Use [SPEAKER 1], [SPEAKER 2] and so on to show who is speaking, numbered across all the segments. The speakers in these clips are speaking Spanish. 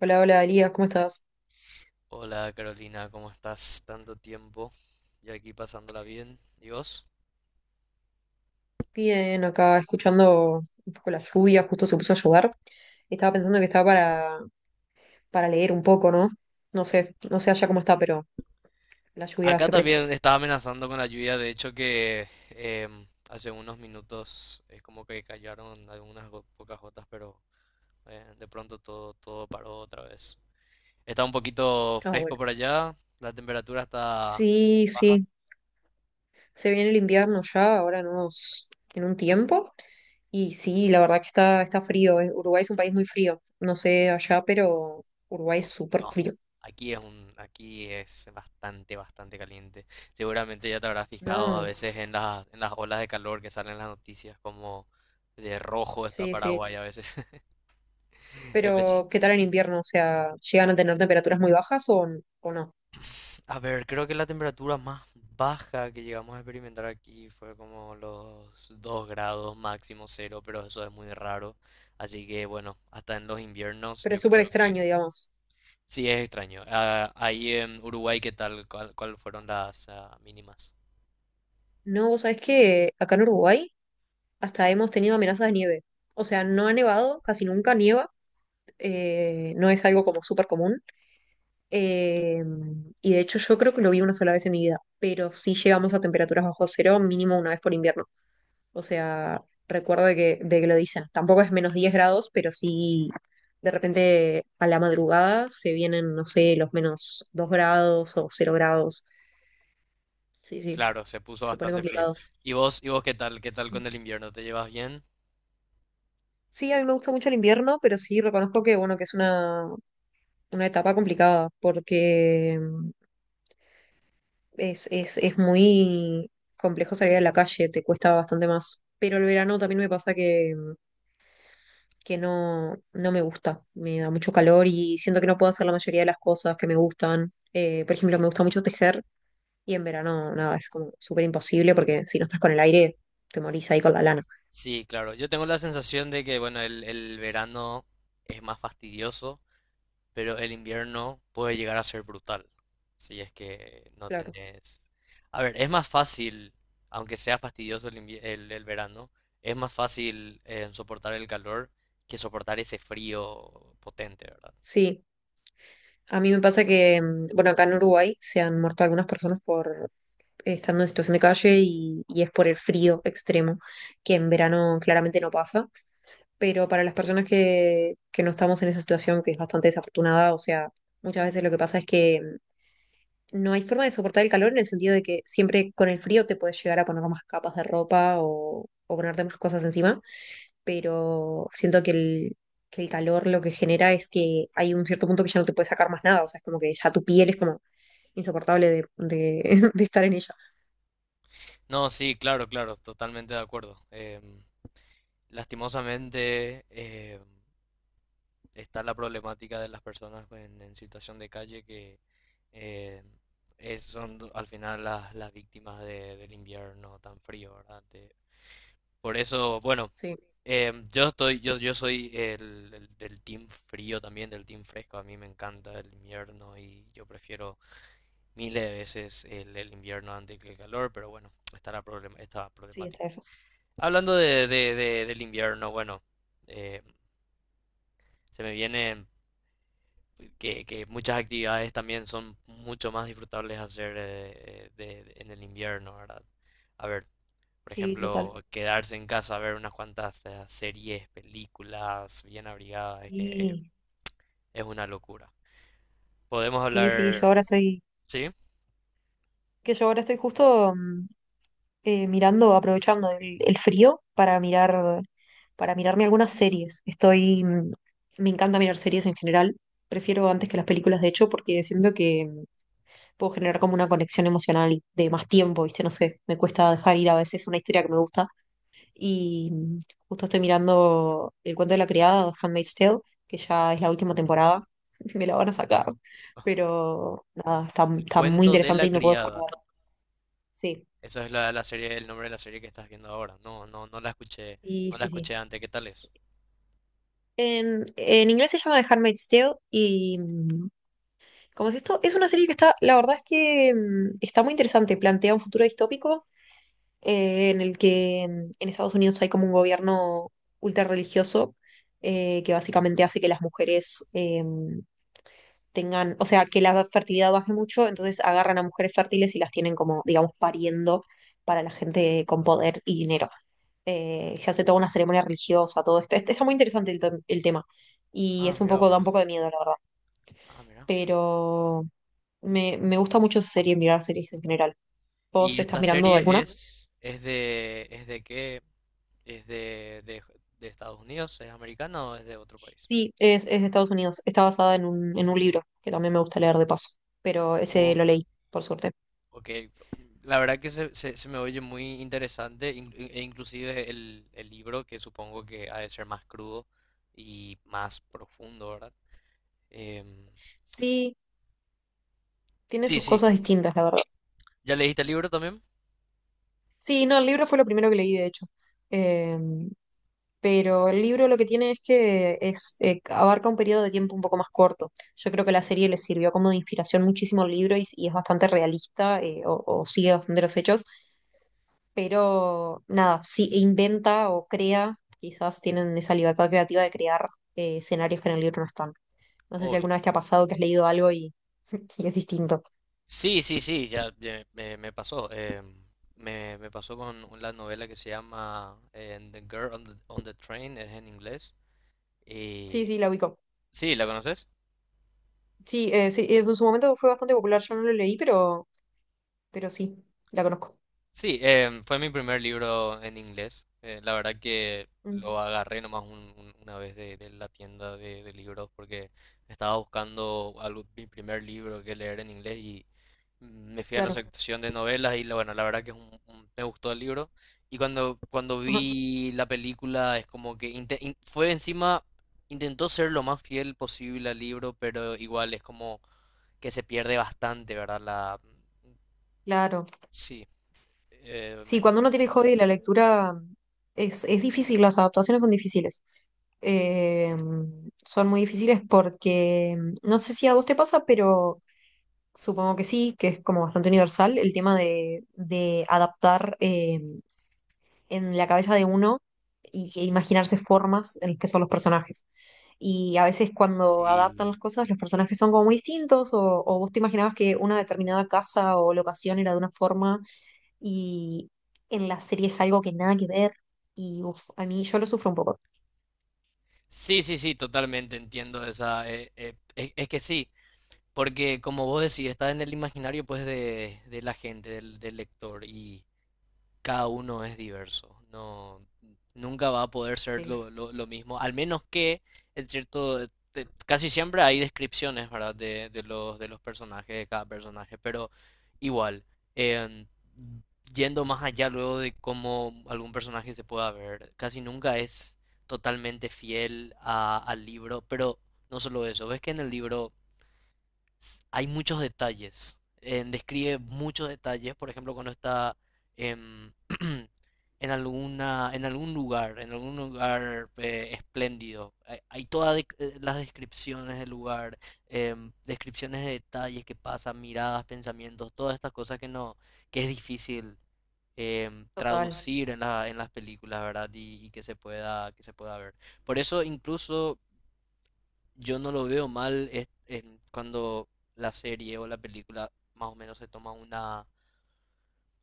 [SPEAKER 1] Hola, hola, Elías, ¿cómo estás?
[SPEAKER 2] Hola Carolina, ¿cómo estás? Tanto tiempo. Yo aquí pasándola bien. ¿Y vos?
[SPEAKER 1] Bien, acá escuchando un poco la lluvia, justo se puso a llover. Estaba pensando que estaba para leer un poco, ¿no? No sé allá cómo está, pero la lluvia
[SPEAKER 2] Acá
[SPEAKER 1] se presta.
[SPEAKER 2] también estaba amenazando con la lluvia, de hecho que hace unos minutos es como que cayeron algunas pocas gotas, pero de pronto todo paró otra vez. Está un poquito
[SPEAKER 1] Ah,
[SPEAKER 2] fresco
[SPEAKER 1] bueno.
[SPEAKER 2] por allá, la temperatura está
[SPEAKER 1] Sí,
[SPEAKER 2] baja.
[SPEAKER 1] sí, se viene el invierno ya, ahora nos, en un tiempo. Y sí, la verdad que está frío. Uruguay es un país muy frío. No sé allá, pero Uruguay es
[SPEAKER 2] No,
[SPEAKER 1] súper
[SPEAKER 2] no.
[SPEAKER 1] frío.
[SPEAKER 2] Aquí es aquí es bastante caliente. Seguramente ya te habrás fijado a
[SPEAKER 1] No,
[SPEAKER 2] veces en en las olas de calor que salen en las noticias, como de rojo está
[SPEAKER 1] sí, sí.
[SPEAKER 2] Paraguay a veces. Espe-
[SPEAKER 1] Pero, ¿qué tal en invierno? O sea, ¿llegan a tener temperaturas muy bajas o no?
[SPEAKER 2] A ver, creo que la temperatura más baja que llegamos a experimentar aquí fue como los 2 grados máximo cero, pero eso es muy raro. Así que bueno, hasta en los inviernos
[SPEAKER 1] Pero
[SPEAKER 2] yo
[SPEAKER 1] es súper
[SPEAKER 2] creo que
[SPEAKER 1] extraño, digamos.
[SPEAKER 2] sí es extraño. Ah, ahí en Uruguay, ¿qué tal? Cuál fueron las mínimas?
[SPEAKER 1] No, vos sabés que acá en Uruguay hasta hemos tenido amenazas de nieve. O sea, no ha nevado, casi nunca nieva, no es algo como súper común. eh, y de hecho yo creo que lo vi una sola vez en mi vida, pero sí llegamos a temperaturas bajo cero mínimo una vez por invierno. O sea, recuerdo de que lo dicen. Tampoco es menos 10 grados, pero sí de repente a la madrugada se vienen, no sé, los menos 2 grados o cero grados. Sí, sí,
[SPEAKER 2] Claro, se puso
[SPEAKER 1] se pone
[SPEAKER 2] bastante frío.
[SPEAKER 1] complicado.
[SPEAKER 2] ¿Y y vos qué tal? ¿Qué tal con el invierno? ¿Te llevas bien?
[SPEAKER 1] Sí, a mí me gusta mucho el invierno, pero sí reconozco que, bueno, que es una etapa complicada, porque es muy complejo salir a la calle, te cuesta bastante más. Pero el verano también me pasa que, que no me gusta, me da mucho calor y siento que no puedo hacer la mayoría de las cosas que me gustan. Por ejemplo, me gusta mucho tejer y en verano, nada, es como súper imposible porque si no estás con el aire, te morís ahí con la lana.
[SPEAKER 2] Sí, claro. Yo tengo la sensación de que, bueno, el verano es más fastidioso, pero el invierno puede llegar a ser brutal. Si es que no
[SPEAKER 1] Claro.
[SPEAKER 2] tenés... A ver, es más fácil, aunque sea fastidioso el verano, es más fácil soportar el calor que soportar ese frío potente, ¿verdad?
[SPEAKER 1] Sí. A mí me pasa que, bueno, acá en Uruguay se han muerto algunas personas por, estando en situación de calle y es por el frío extremo, que en verano claramente no pasa, pero para las personas que no estamos en esa situación, que es bastante desafortunada, o sea, muchas veces lo que pasa es que no hay forma de soportar el calor en el sentido de que siempre con el frío te puedes llegar a poner más capas de ropa o ponerte más cosas encima, pero siento que el calor lo que genera es que hay un cierto punto que ya no te puedes sacar más nada, o sea, es como que ya tu piel es como insoportable de de estar en ella.
[SPEAKER 2] No, sí, claro, claro, totalmente de acuerdo. Em, lastimosamente, em, está la problemática de las personas en situación de calle que eh, son al final las víctimas del invierno tan frío, ¿verdad? De- por eso, bueno,
[SPEAKER 1] Sí,
[SPEAKER 2] em, yo estoy, yo soy el del team frío también, del team fresco. A mí me encanta el invierno y yo prefiero miles de veces el invierno antes que el calor, pero bueno, está la esta
[SPEAKER 1] sí, está
[SPEAKER 2] problemática.
[SPEAKER 1] eso.
[SPEAKER 2] Hablando de, del invierno, bueno, eh, se me viene que muchas actividades también son mucho más disfrutables hacer en el invierno, ¿verdad? A ver, por
[SPEAKER 1] Sí,
[SPEAKER 2] ejemplo,
[SPEAKER 1] total.
[SPEAKER 2] quedarse en casa a ver unas cuantas series, películas bien abrigadas, es que
[SPEAKER 1] Y
[SPEAKER 2] es una locura. Podemos Sí,
[SPEAKER 1] sí,
[SPEAKER 2] hablar,
[SPEAKER 1] sí,
[SPEAKER 2] sí.
[SPEAKER 1] yo
[SPEAKER 2] hablar,
[SPEAKER 1] ahora estoy,
[SPEAKER 2] ¿sí?
[SPEAKER 1] que yo ahora estoy justo mirando, aprovechando el frío para mirar, para mirarme algunas series. Estoy, me encanta mirar series en general. Prefiero antes que las películas, de hecho, porque siento que puedo generar como una conexión emocional de más tiempo, ¿viste? No sé, me cuesta dejar ir a veces una historia que me gusta. Y justo estoy mirando El cuento de la criada, o Handmaid's Tale, que ya es la última temporada. Me la van a sacar. Pero nada, está,
[SPEAKER 2] El
[SPEAKER 1] está muy
[SPEAKER 2] cuento de
[SPEAKER 1] interesante
[SPEAKER 2] la
[SPEAKER 1] y no puedo dejar de
[SPEAKER 2] criada.
[SPEAKER 1] verla. Sí,
[SPEAKER 2] Eso es la serie, el nombre de la serie que estás viendo ahora. No, no, no la escuché,
[SPEAKER 1] sí,
[SPEAKER 2] no la
[SPEAKER 1] sí, sí.
[SPEAKER 2] escuché antes. ¿Qué tal es?
[SPEAKER 1] En inglés se llama The Handmaid's Tale y como es esto es una serie que está, la verdad es que está muy interesante, plantea un futuro distópico en el que en Estados Unidos hay como un gobierno ultra religioso que básicamente hace que las mujeres tengan, o sea, que la fertilidad baje mucho, entonces agarran a mujeres fértiles y las tienen como, digamos, pariendo para la gente con poder y dinero. Se hace toda una ceremonia religiosa, todo esto. Este, está muy interesante el tema y
[SPEAKER 2] Ah,
[SPEAKER 1] es un
[SPEAKER 2] mira.
[SPEAKER 1] poco, da un
[SPEAKER 2] Vos.
[SPEAKER 1] poco de miedo, la verdad.
[SPEAKER 2] Ah, mira.
[SPEAKER 1] Pero me gusta mucho esa serie, mirar series en general. ¿Vos
[SPEAKER 2] Y
[SPEAKER 1] estás
[SPEAKER 2] esta
[SPEAKER 1] mirando
[SPEAKER 2] serie
[SPEAKER 1] alguna?
[SPEAKER 2] es de qué, es de Estados Unidos, es americana o es de otro país.
[SPEAKER 1] Sí, es de Estados Unidos. Está basada en un libro que también me gusta leer de paso, pero ese
[SPEAKER 2] O-
[SPEAKER 1] lo leí, por suerte.
[SPEAKER 2] ok, la verdad que se me oye muy interesante e inclusive el libro que supongo que ha de ser más crudo y más profundo, ¿verdad? Em,
[SPEAKER 1] Sí, tiene
[SPEAKER 2] sí,
[SPEAKER 1] sus
[SPEAKER 2] sí,
[SPEAKER 1] cosas distintas, la verdad.
[SPEAKER 2] ¿ya leíste el libro también?
[SPEAKER 1] Sí, no, el libro fue lo primero que leí, de hecho. Eh, pero el libro lo que tiene es que es, abarca un periodo de tiempo un poco más corto. Yo creo que la serie le sirvió como de inspiración muchísimo al libro y es bastante realista o sigue bastante los hechos. Pero nada, sí inventa o crea, quizás tienen esa libertad creativa de crear escenarios que en el libro no están. No sé si alguna vez te ha pasado que has leído algo y es distinto.
[SPEAKER 2] Sí, sí, sí, ya me pasó. Me pasó con la novela que se llama The Girl on on the Train, es en inglés.
[SPEAKER 1] Sí,
[SPEAKER 2] Y
[SPEAKER 1] sí, la ubico.
[SPEAKER 2] sí, ¿la conoces?
[SPEAKER 1] Sí, sí, en su momento fue bastante popular, yo no lo leí, pero sí, la conozco.
[SPEAKER 2] Sí, em, fue mi primer libro en inglés. La verdad que
[SPEAKER 1] Mm,
[SPEAKER 2] lo agarré nomás una vez de la tienda de libros porque estaba buscando algo, mi primer libro que leer en inglés y me fui a la
[SPEAKER 1] claro.
[SPEAKER 2] sección de novelas y la- bueno, la verdad que es me gustó el libro. Y cuando
[SPEAKER 1] Ajá.
[SPEAKER 2] vi la película es como que fue encima, intentó ser lo más fiel posible al libro, pero igual es como que se pierde bastante, ¿verdad? La,
[SPEAKER 1] Claro.
[SPEAKER 2] sí,
[SPEAKER 1] Sí,
[SPEAKER 2] me-
[SPEAKER 1] cuando uno tiene el hobby de la lectura es difícil, las adaptaciones son difíciles. Eh, Son muy difíciles porque no sé si a vos te pasa, pero supongo que sí, que es como bastante universal el tema de adaptar en la cabeza de uno e imaginarse formas en las que son los personajes. Y a veces cuando adaptan
[SPEAKER 2] Sí,
[SPEAKER 1] las cosas, los personajes son como muy distintos, o vos te imaginabas que una determinada casa o locación era de una forma, y en la serie es algo que nada que ver, y uf, a mí yo lo sufro un poco.
[SPEAKER 2] sí, sí, sí, totalmente entiendo esa. Es que sí, porque como vos decís, está en el imaginario pues de la gente, del lector. Y cada uno es diverso. No, nunca va a poder ser
[SPEAKER 1] Sí,
[SPEAKER 2] lo mismo, al menos que, en cierto, te- casi siempre hay descripciones, ¿verdad? De de los personajes, de cada personaje, pero igual, em, yendo más allá luego de cómo algún personaje se pueda ver, casi nunca es totalmente fiel al libro, pero no solo eso, ves que en el libro s- hay muchos detalles. Describe muchos detalles, por ejemplo, cuando está em, en alguna, en algún lugar espléndido. Hay todas de- las descripciones del lugar, em, descripciones de detalles que pasan, miradas, pensamientos, todas estas cosas que no, que es difícil em,
[SPEAKER 1] total.
[SPEAKER 2] traducir en en las películas, ¿verdad? Y que se pueda ver. Por eso incluso yo no lo veo mal es- en cuando la serie o la película más o menos se toma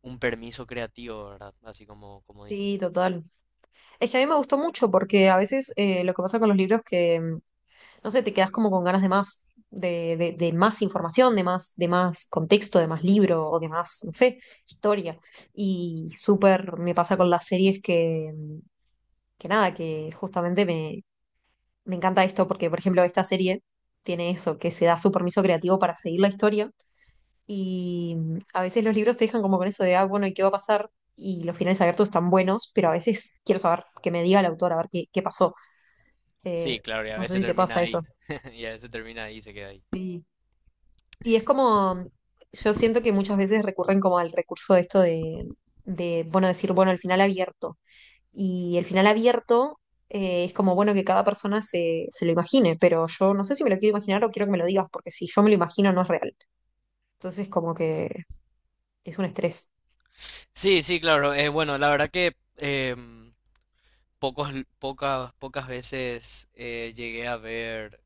[SPEAKER 2] un permiso creativo, ¿verdad? Así como, como
[SPEAKER 1] Sí,
[SPEAKER 2] dijiste.
[SPEAKER 1] total. Es que a mí me gustó mucho porque a veces lo que pasa con los libros que, no sé, te quedas como con ganas de más, de más información, de más contexto, de más libro o de más, no sé, historia. Y súper me pasa con las series que, que nada, que justamente me encanta esto porque, por ejemplo, esta serie tiene eso, que se da su permiso creativo para seguir la historia y a veces los libros te dejan como con eso de, ah, bueno, ¿y qué va a pasar? Y los finales abiertos están buenos, pero a veces quiero saber, que me diga el autor, a ver qué pasó. Eh,
[SPEAKER 2] Sí, claro, y a
[SPEAKER 1] no sé
[SPEAKER 2] veces
[SPEAKER 1] si te
[SPEAKER 2] termina
[SPEAKER 1] pasa
[SPEAKER 2] ahí.
[SPEAKER 1] eso.
[SPEAKER 2] Y a veces termina ahí y se queda ahí.
[SPEAKER 1] Sí. Y es como, yo siento que muchas veces recurren como al recurso de esto de, bueno, decir, bueno, el final abierto. Y el final abierto es como, bueno, que cada persona se lo imagine, pero yo no sé si me lo quiero imaginar o quiero que me lo digas, porque si yo me lo imagino no es real. Entonces, como que es un estrés.
[SPEAKER 2] Sí, sí, claro. Bueno, la verdad que em, pocos, pocas veces llegué a ver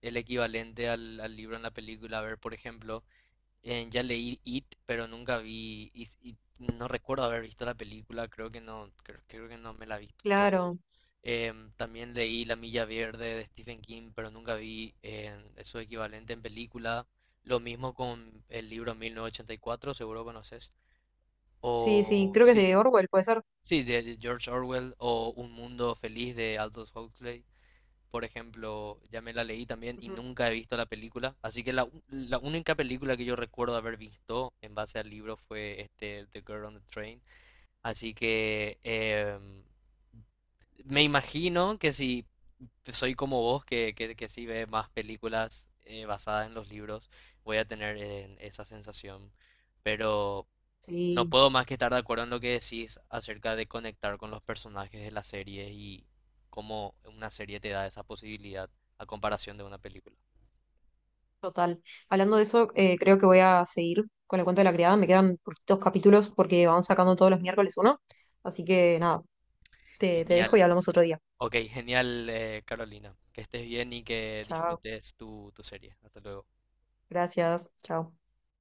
[SPEAKER 2] el equivalente al libro en la película. A ver, por ejemplo, eh, ya leí It, pero nunca vi Is- It, no recuerdo haber visto la película, creo que no, creo que no me la he visto todo.
[SPEAKER 1] Claro,
[SPEAKER 2] Em, también leí La Milla Verde de Stephen King, pero nunca vi su equivalente en película. Lo mismo con el libro 1984, seguro conoces.
[SPEAKER 1] sí, sí,
[SPEAKER 2] O
[SPEAKER 1] creo que es
[SPEAKER 2] sí,
[SPEAKER 1] de Orwell, puede ser.
[SPEAKER 2] sí, de George Orwell o Un Mundo Feliz de Aldous Huxley. Por ejemplo, ya me la leí también y
[SPEAKER 1] Ujú.
[SPEAKER 2] nunca he visto la película. Así que la, u- la única película que yo recuerdo haber visto en base al libro fue este The Girl on the Train. Así que em, me imagino que si soy como vos, que sí ve más películas basadas en los libros, voy a tener esa sensación. Pero, no
[SPEAKER 1] Sí,
[SPEAKER 2] puedo más que estar de acuerdo en lo que decís acerca de conectar con los personajes de la serie y cómo una serie te da esa posibilidad a comparación de una película.
[SPEAKER 1] total. Hablando de eso, creo que voy a seguir con el cuento de la criada. Me quedan poquitos capítulos porque vamos sacando todos los miércoles uno. Así que nada, te dejo y
[SPEAKER 2] Genial.
[SPEAKER 1] hablamos otro día.
[SPEAKER 2] Ok, genial, Carolina. Que estés bien y que
[SPEAKER 1] Chao,
[SPEAKER 2] disfrutes tu serie. Hasta luego.
[SPEAKER 1] gracias, chao.